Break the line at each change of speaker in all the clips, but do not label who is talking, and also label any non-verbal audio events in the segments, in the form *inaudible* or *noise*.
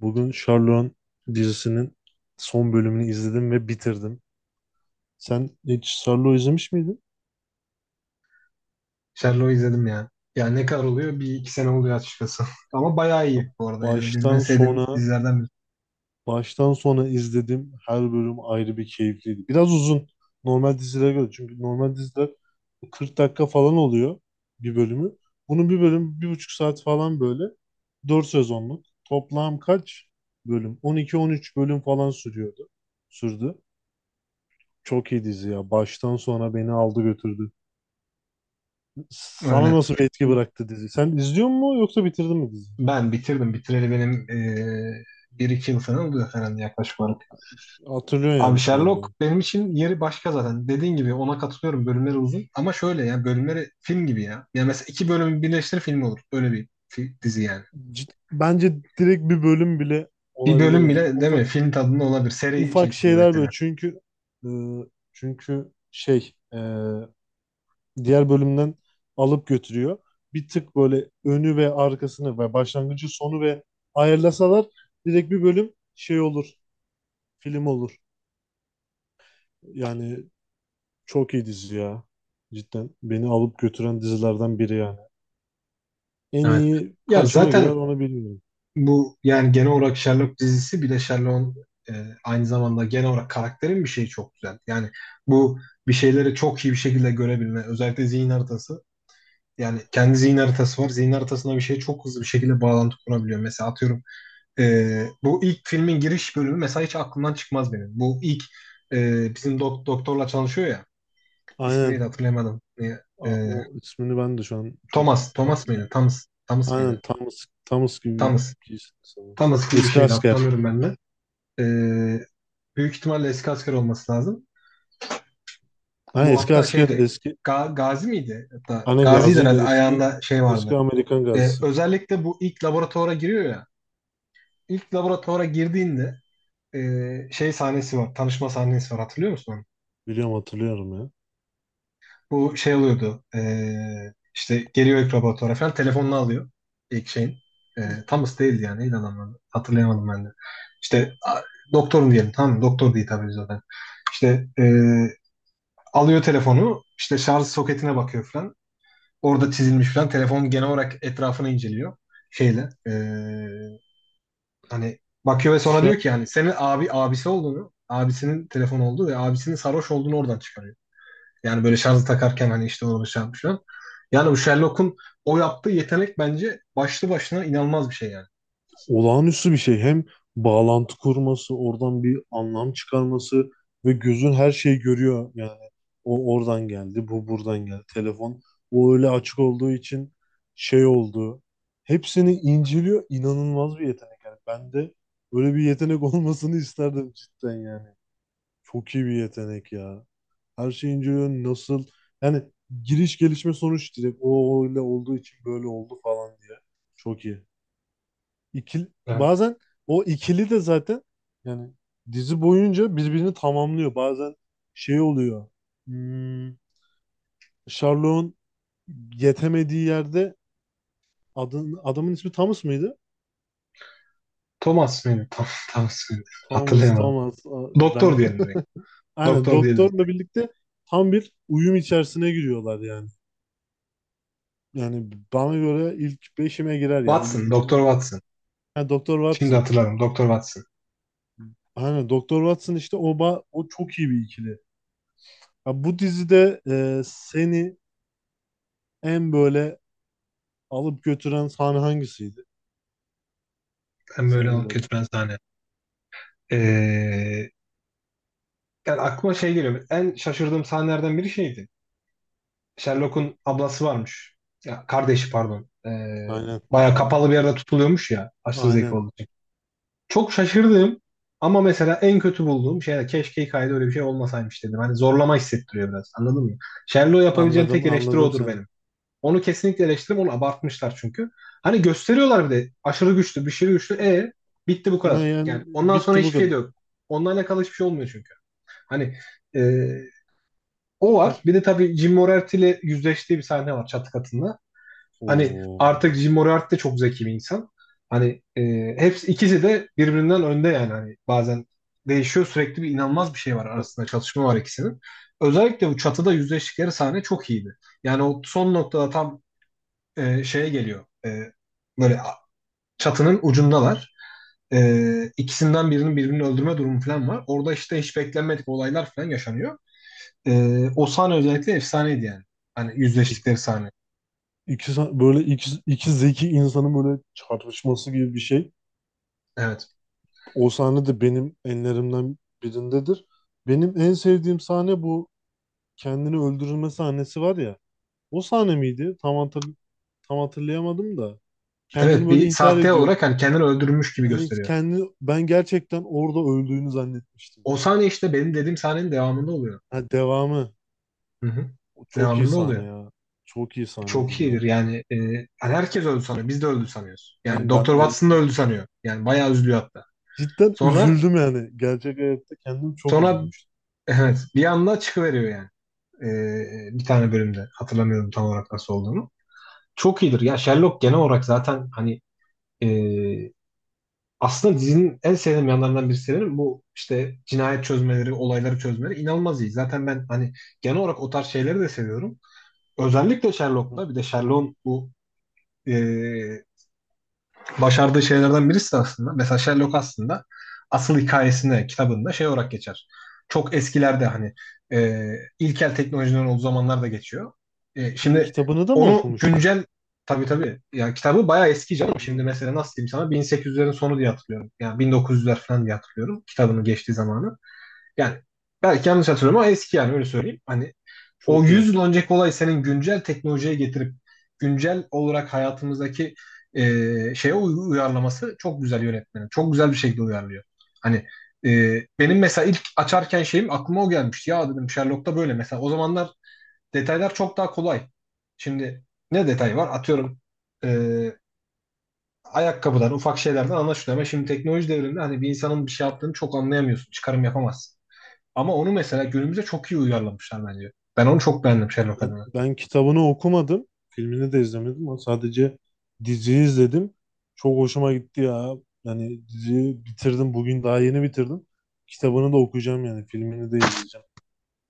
Bugün Sherlock dizisinin son bölümünü izledim ve bitirdim. Sen hiç Sherlock izlemiş miydin?
Sherlock'u izledim ya. Ya ne kadar oluyor? Bir iki sene oluyor açıkçası. *laughs* Ama bayağı
Ya
iyi bu arada yani. Benim en
baştan
sevdiğim
sona
dizilerden biri.
baştan sona izledim. Her bölüm ayrı bir keyifliydi. Biraz uzun normal dizilere göre. Çünkü normal diziler 40 dakika falan oluyor bir bölümü. Bunun bir bölüm bir buçuk saat falan böyle. Dört sezonluk. Toplam kaç bölüm? 12-13 bölüm falan sürüyordu. Sürdü. Çok iyi dizi ya. Baştan sona beni aldı götürdü. Sana
Öyle.
nasıl bir etki bıraktı dizi? Sen izliyor musun yoksa bitirdin mi diziyi?
Ben bitirdim. Bitireli benim bir iki yıl falan oluyor herhalde yaklaşık olarak.
Hatırlıyorsun
Abi
yani şu anda.
Sherlock benim için yeri başka zaten. Dediğin gibi ona katılıyorum. Bölümleri uzun. Ama şöyle ya bölümleri film gibi ya. Yani mesela iki bölümü birleştir film olur. Öyle bir dizi yani.
Bence direkt bir bölüm bile
Bir bölüm
olabilir yani.
bile değil mi?
Ufak
Film tadında olabilir. Seri
ufak
şeklinde
şeyler böyle
mesela.
çünkü e, çünkü şey diğer bölümden alıp götürüyor. Bir tık böyle önü ve arkasını ve başlangıcı sonu ve ayarlasalar direkt bir bölüm şey olur, film olur. Yani çok iyi dizi ya. Cidden beni alıp götüren dizilerden biri yani. En
Evet.
iyi
Ya
kaçıma girer
zaten
onu bilmiyorum.
bu yani genel olarak Sherlock dizisi, bir de Sherlock'un e, aynı zamanda genel olarak karakterin bir şeyi çok güzel. Yani bu bir şeyleri çok iyi bir şekilde görebilme, özellikle zihin haritası. Yani kendi zihin haritası var. Zihin haritasına bir şeye çok hızlı bir şekilde bağlantı kurabiliyor. Mesela atıyorum, bu ilk filmin giriş bölümü mesela hiç aklımdan çıkmaz benim. Bu ilk bizim doktorla çalışıyor ya. İsmi neydi
Aynen.
hatırlayamadım.
Aa,
E,
o ismini ben de şu an çok
Thomas. Thomas mıydı?
hatırlamıyorum.
Thomas. Thomas
Aynen
mıydı?
Thomas, Thomas gibi
Thomas.
birisi sanırım.
Thomas gibi bir
Eski
şeydi,
asker.
hatırlamıyorum ben de. Ee, Büyük ihtimalle eski asker olması lazım.
Ha,
Bu
eski
hatta
asker
şeyde
eski.
Gazi miydi? Hatta
Hani
Gazi'ydi
gaziydi
herhalde,
eski.
ayağında şey vardı.
Eski Amerikan gazisi.
Özellikle bu ilk laboratuvara giriyor ya. İlk laboratuvara girdiğinde şey sahnesi var. Tanışma sahnesi var. Hatırlıyor musun onu?
Biliyorum hatırlıyorum ya.
Bu şey oluyordu. İşte geliyor ilk laboratuvara falan. Telefonunu alıyor. İlk şeyin. Ee, Thomas değildi yani. Neydi adamın adı? Hatırlayamadım ben de. İşte doktorun diyelim. Tamam mı? Doktor diye hitap ediyor zaten. İşte alıyor telefonu, işte şarj soketine bakıyor falan. Orada çizilmiş falan. Telefon, genel olarak etrafını inceliyor şeyle. Hani bakıyor ve sonra
Dışarı
diyor ki yani senin abisi olduğunu, abisinin telefon olduğu ve abisinin sarhoş olduğunu oradan çıkarıyor. Yani böyle şarjı takarken hani işte orada şey yapmış falan. Yani bu Sherlock'un o yaptığı yetenek bence başlı başına inanılmaz bir şey yani.
olağanüstü bir şey. Hem bağlantı kurması, oradan bir anlam çıkarması ve gözün her şeyi görüyor. Yani o oradan geldi, bu buradan geldi. Telefon o öyle açık olduğu için şey oldu. Hepsini inceliyor. İnanılmaz bir yetenek. Yani ben de böyle bir yetenek *laughs* olmasını isterdim cidden yani. Çok iyi bir yetenek ya. Her şeyi inceliyor. Nasıl? Yani giriş gelişme sonuç direkt o öyle olduğu için böyle oldu falan diye. Çok iyi. İkili,
Yani
bazen o ikili de zaten yani dizi boyunca birbirini tamamlıyor. Bazen şey oluyor. Hmm, Sherlock'un yetemediği yerde adamın ismi Thomas mıydı?
Thomas mıydı? *laughs* Tam, Thomas mıydı?
Thomas,
Hatırlayamadım.
Thomas. Ben.
Doktor diyelim direkt.
*laughs* Aynen
Doktor diyelim.
doktorla birlikte tam bir uyum içerisine giriyorlar yani. Yani bana göre ilk beşime girer ya. İlk
Watson,
üçüme
Doktor
girer.
Watson.
Ha, Doktor
Şimdi
Watson.
hatırladım. Doktor Watson.
Aynen Doktor Watson işte o, o çok iyi bir ikili. Ya bu dizide seni en böyle alıp götüren sahne hangisiydi?
Hem böyle
Senin
hak
böyle.
etmez sahne. Ee, Yani aklıma şey geliyor. En şaşırdığım sahnelerden biri şeydi. Sherlock'un ablası varmış. Ya kardeşi pardon.
Aynen.
Bayağı kapalı bir yerde tutuluyormuş ya. Aşırı zeki
Aynen.
olduğu için. Çok şaşırdığım ama mesela en kötü bulduğum şey de, keşke hikayede öyle bir şey olmasaymış dedim. Hani zorlama hissettiriyor biraz. Anladın mı? Sherlock'u yapabileceğim
Anladım,
tek eleştiri
anladım
odur
seni.
benim. Onu kesinlikle eleştiririm. Onu abartmışlar çünkü. Hani gösteriyorlar bir de aşırı güçlü, bir şey güçlü.
A-
Bitti bu
Ne
kadar.
yani?
Yani ondan sonra
Bitti bu
hiçbir şey
kadar.
de yok. Onunla alakalı hiçbir şey olmuyor çünkü. Hani e, o var.
Ha.
Bir de tabii Jim Moriarty ile yüzleştiği bir sahne var çatı katında. Hani
Oo.
artık Jim Moriarty de çok zeki bir insan. Hani hepsi ikisi de birbirinden önde yani. Hani bazen değişiyor. Sürekli bir inanılmaz bir şey var
E,
arasında. Çatışma var ikisinin. Özellikle bu çatıda yüzleştikleri sahne çok iyiydi. Yani o son noktada tam şeye geliyor. Böyle çatının ucundalar. İkisinden birinin birbirini öldürme durumu falan var. Orada işte hiç beklenmedik olaylar falan yaşanıyor. E, O sahne özellikle efsaneydi yani. Hani
İ-
yüzleştikleri sahne.
İki, böyle iki, iki zeki insanın böyle çarpışması gibi bir şey.
Evet.
O sahne de benim enlerimden birindedir. Benim en sevdiğim sahne bu kendini öldürülme sahnesi var ya. O sahne miydi? Tam hatırlayamadım da. Kendini
Evet,
böyle
bir
intihar
sahte
ediyor.
olarak hani kendini öldürmüş gibi
Yani
gösteriyor.
kendi ben gerçekten orada öldüğünü zannetmiştim
O
ya.
sahne işte benim dediğim sahnenin devamında oluyor.
Ha, devamı.
Hı hı.
O çok iyi
Devamında
sahne
oluyor.
ya. Çok iyi sahnedir
Çok iyidir
ya.
yani. Hani herkes öldü sanıyor. Biz de öldü sanıyoruz. Yani
Hani ben
Doktor Watson da
öldüm.
öldü sanıyor. Yani bayağı üzülüyor hatta.
Cidden
Sonra
üzüldüm yani. Gerçek hayatta kendim çok
sonra
üzülmüştüm.
evet bir anda çıkıveriyor yani. Bir tane bölümde. Hatırlamıyorum tam olarak nasıl olduğunu. Çok iyidir. Ya Sherlock genel olarak zaten hani ee, aslında dizinin en sevdiğim yanlarından birisi, benim bu işte cinayet çözmeleri, olayları çözmeleri inanılmaz iyi. Zaten ben hani genel olarak o tarz şeyleri de seviyorum. Özellikle
Ha,
Sherlock'ta, bir de Sherlock'un bu e, başardığı şeylerden birisi aslında. Mesela Sherlock aslında asıl hikayesinde, kitabında şey olarak geçer. Çok eskilerde hani e, ilkel teknolojilerin olduğu zamanlarda geçiyor.
ha,
Şimdi
kitabını da mı
onu
okumuştun?
güncel, tabii tabii yani kitabı bayağı eski canım. Şimdi
Ha,
mesela nasıl diyeyim sana, 1800'lerin sonu diye hatırlıyorum. Yani 1900'ler falan diye hatırlıyorum kitabının geçtiği zamanı. Yani belki yanlış hatırlıyorum ama eski yani, öyle söyleyeyim. Hani o
çok iyi.
100 yıl önceki olay, senin güncel teknolojiye getirip güncel olarak hayatımızdaki e, şeye uyarlaması çok güzel yönetmenin. Çok güzel bir şekilde uyarlıyor. Hani benim mesela ilk açarken şeyim, aklıma o gelmişti. Ya dedim, Sherlock'ta böyle mesela. O zamanlar detaylar çok daha kolay. Şimdi ne detay var? Atıyorum e, ayakkabıdan, ufak şeylerden anlaşılıyor. Ama şimdi teknoloji devriminde hani bir insanın bir şey yaptığını çok anlayamıyorsun. Çıkarım yapamazsın. Ama onu mesela günümüze çok iyi uyarlamışlar bence. Ben onu çok beğendim Sherlock adına.
Ben kitabını okumadım. Filmini de izlemedim ama sadece diziyi izledim. Çok hoşuma gitti ya. Yani diziyi bitirdim. Bugün daha yeni bitirdim. Kitabını da okuyacağım yani. Filmini de izleyeceğim.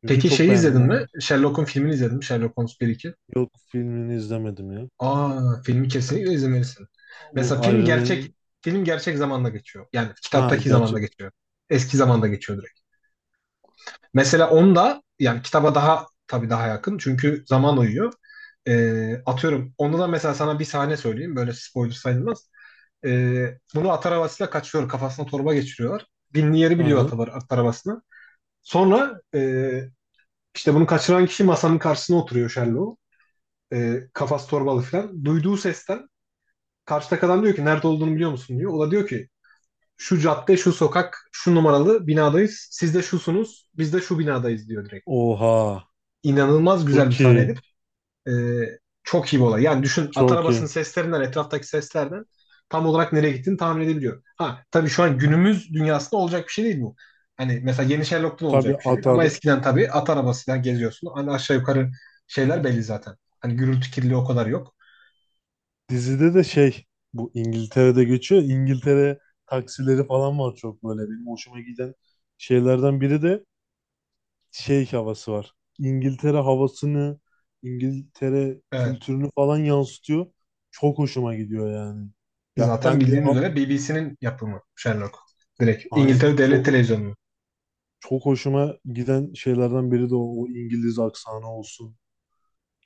Çünkü
Peki
çok
şeyi
beğendim
izledin
o.
mi? Sherlock'un filmini izledin mi? Sherlock Holmes 1-2.
Yok filmini izlemedim ya.
Aa, filmi kesinlikle izlemelisin. Mesela
Bu
film
Iron
gerçek
Man'in
film gerçek zamanda geçiyor. Yani
ha,
kitaptaki zamanda
gerçek
geçiyor. Eski zamanda geçiyor direkt. Mesela onda yani kitaba daha, tabii daha yakın. Çünkü zaman uyuyor. Atıyorum. Onda da mesela sana bir sahne söyleyeyim. Böyle spoiler sayılmaz. Bunu at arabasıyla kaçıyor. Kafasına torba geçiriyorlar. Binli yeri biliyor
aynen.
at arabasını. Sonra işte bunu kaçıran kişi masanın karşısına oturuyor Sherlock. Kafası torbalı falan. Duyduğu sesten karşıdaki adam diyor ki, nerede olduğunu biliyor musun diyor. O da diyor ki, şu cadde, şu sokak, şu numaralı binadayız. Siz de şusunuz, biz de şu binadayız diyor direkt.
Oha,
İnanılmaz güzel bir
çok iyi,
sahneydi. Ee, Çok iyi bir olay. Yani düşün, at
çok iyi.
arabasının seslerinden, etraftaki seslerden tam olarak nereye gittiğini tahmin edebiliyor. Ha tabii, şu an günümüz dünyasında olacak bir şey değil bu. Hani mesela yeni Sherlock'ta da olacak
Tabii
bir şey değil.
atar
Ama eskiden tabii at arabasıyla geziyorsun. Hani aşağı yukarı şeyler belli zaten. Hani gürültü kirliliği o kadar yok.
dizide de şey, bu İngiltere'de geçiyor. İngiltere taksileri falan var. Çok böyle benim hoşuma giden şeylerden biri de şey havası var. İngiltere havasını, İngiltere
Evet.
kültürünü falan yansıtıyor. Çok hoşuma gidiyor yani. Ya
Zaten
ben bir
bildiğin üzere BBC'nin yapımı Sherlock. Direkt
aynen
İngiltere Devlet
çok.
Televizyonu'nun.
Çok hoşuma giden şeylerden biri de o, o İngiliz aksanı olsun.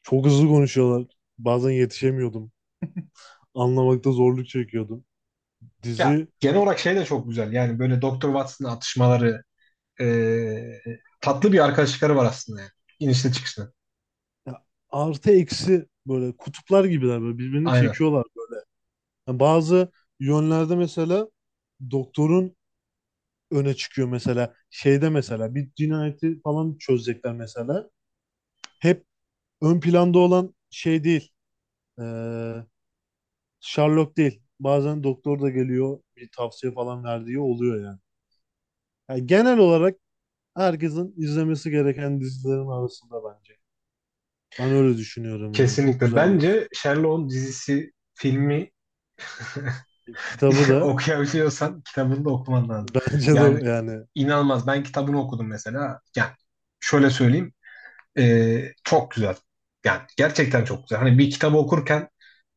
Çok hızlı konuşuyorlar. Bazen yetişemiyordum. Anlamakta zorluk çekiyordum.
Ya
Dizi
genel olarak şey de çok güzel. Yani böyle Doktor Watson'ın atışmaları, ee, tatlı bir arkadaşlıkları var aslında yani. İnişli çıkışlı.
ya, artı eksi böyle kutuplar gibiler, böyle birbirini
Aynen.
çekiyorlar. Yani bazı yönlerde mesela doktorun öne çıkıyor mesela şeyde mesela bir cinayeti falan çözecekler mesela. Hep ön planda olan şey değil. Ee, Sherlock değil. Bazen doktor da geliyor bir tavsiye falan verdiği oluyor yani. Yani genel olarak herkesin izlemesi gereken dizilerin arasında bence. Ben öyle düşünüyorum yani. Çok
Kesinlikle.
güzel bir dizi.
Bence Sherlock'un dizisi, filmi
Kitabı
*laughs*
da
okuyabiliyorsan kitabını da okuman
*laughs*
lazım.
bence
Yani
de yani
inanılmaz. Ben kitabını okudum mesela. Yani şöyle söyleyeyim. Çok güzel. Yani gerçekten çok güzel. Hani bir kitabı okurken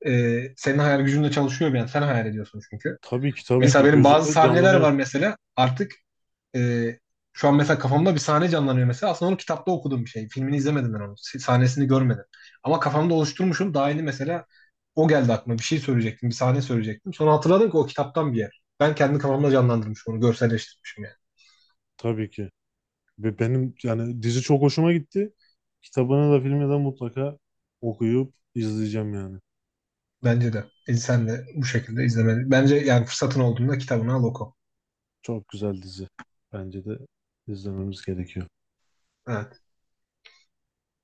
senin hayal gücünde çalışıyor bir an. Sen hayal ediyorsun çünkü.
tabii ki tabii
Mesela
ki
benim bazı
gözünde
sahneler var
canlanıyor
mesela. Artık e, şu an mesela kafamda bir sahne canlanıyor mesela. Aslında onu kitapta okuduğum bir şey. Filmini izlemedim ben onu. Sahnesini görmedim. Ama kafamda oluşturmuşum. Daha yeni mesela o geldi aklıma. Bir şey söyleyecektim. Bir sahne söyleyecektim. Sonra hatırladım ki o kitaptan bir yer. Ben kendi kafamda canlandırmışım onu. Görselleştirmişim yani.
tabii ki. Ve benim yani dizi çok hoşuma gitti. Kitabını da filmi de mutlaka okuyup izleyeceğim yani.
Bence de. Sen de bu şekilde izlemeli. Bence yani fırsatın olduğunda kitabını al oku.
Çok güzel dizi. Bence de izlememiz gerekiyor.
Ha.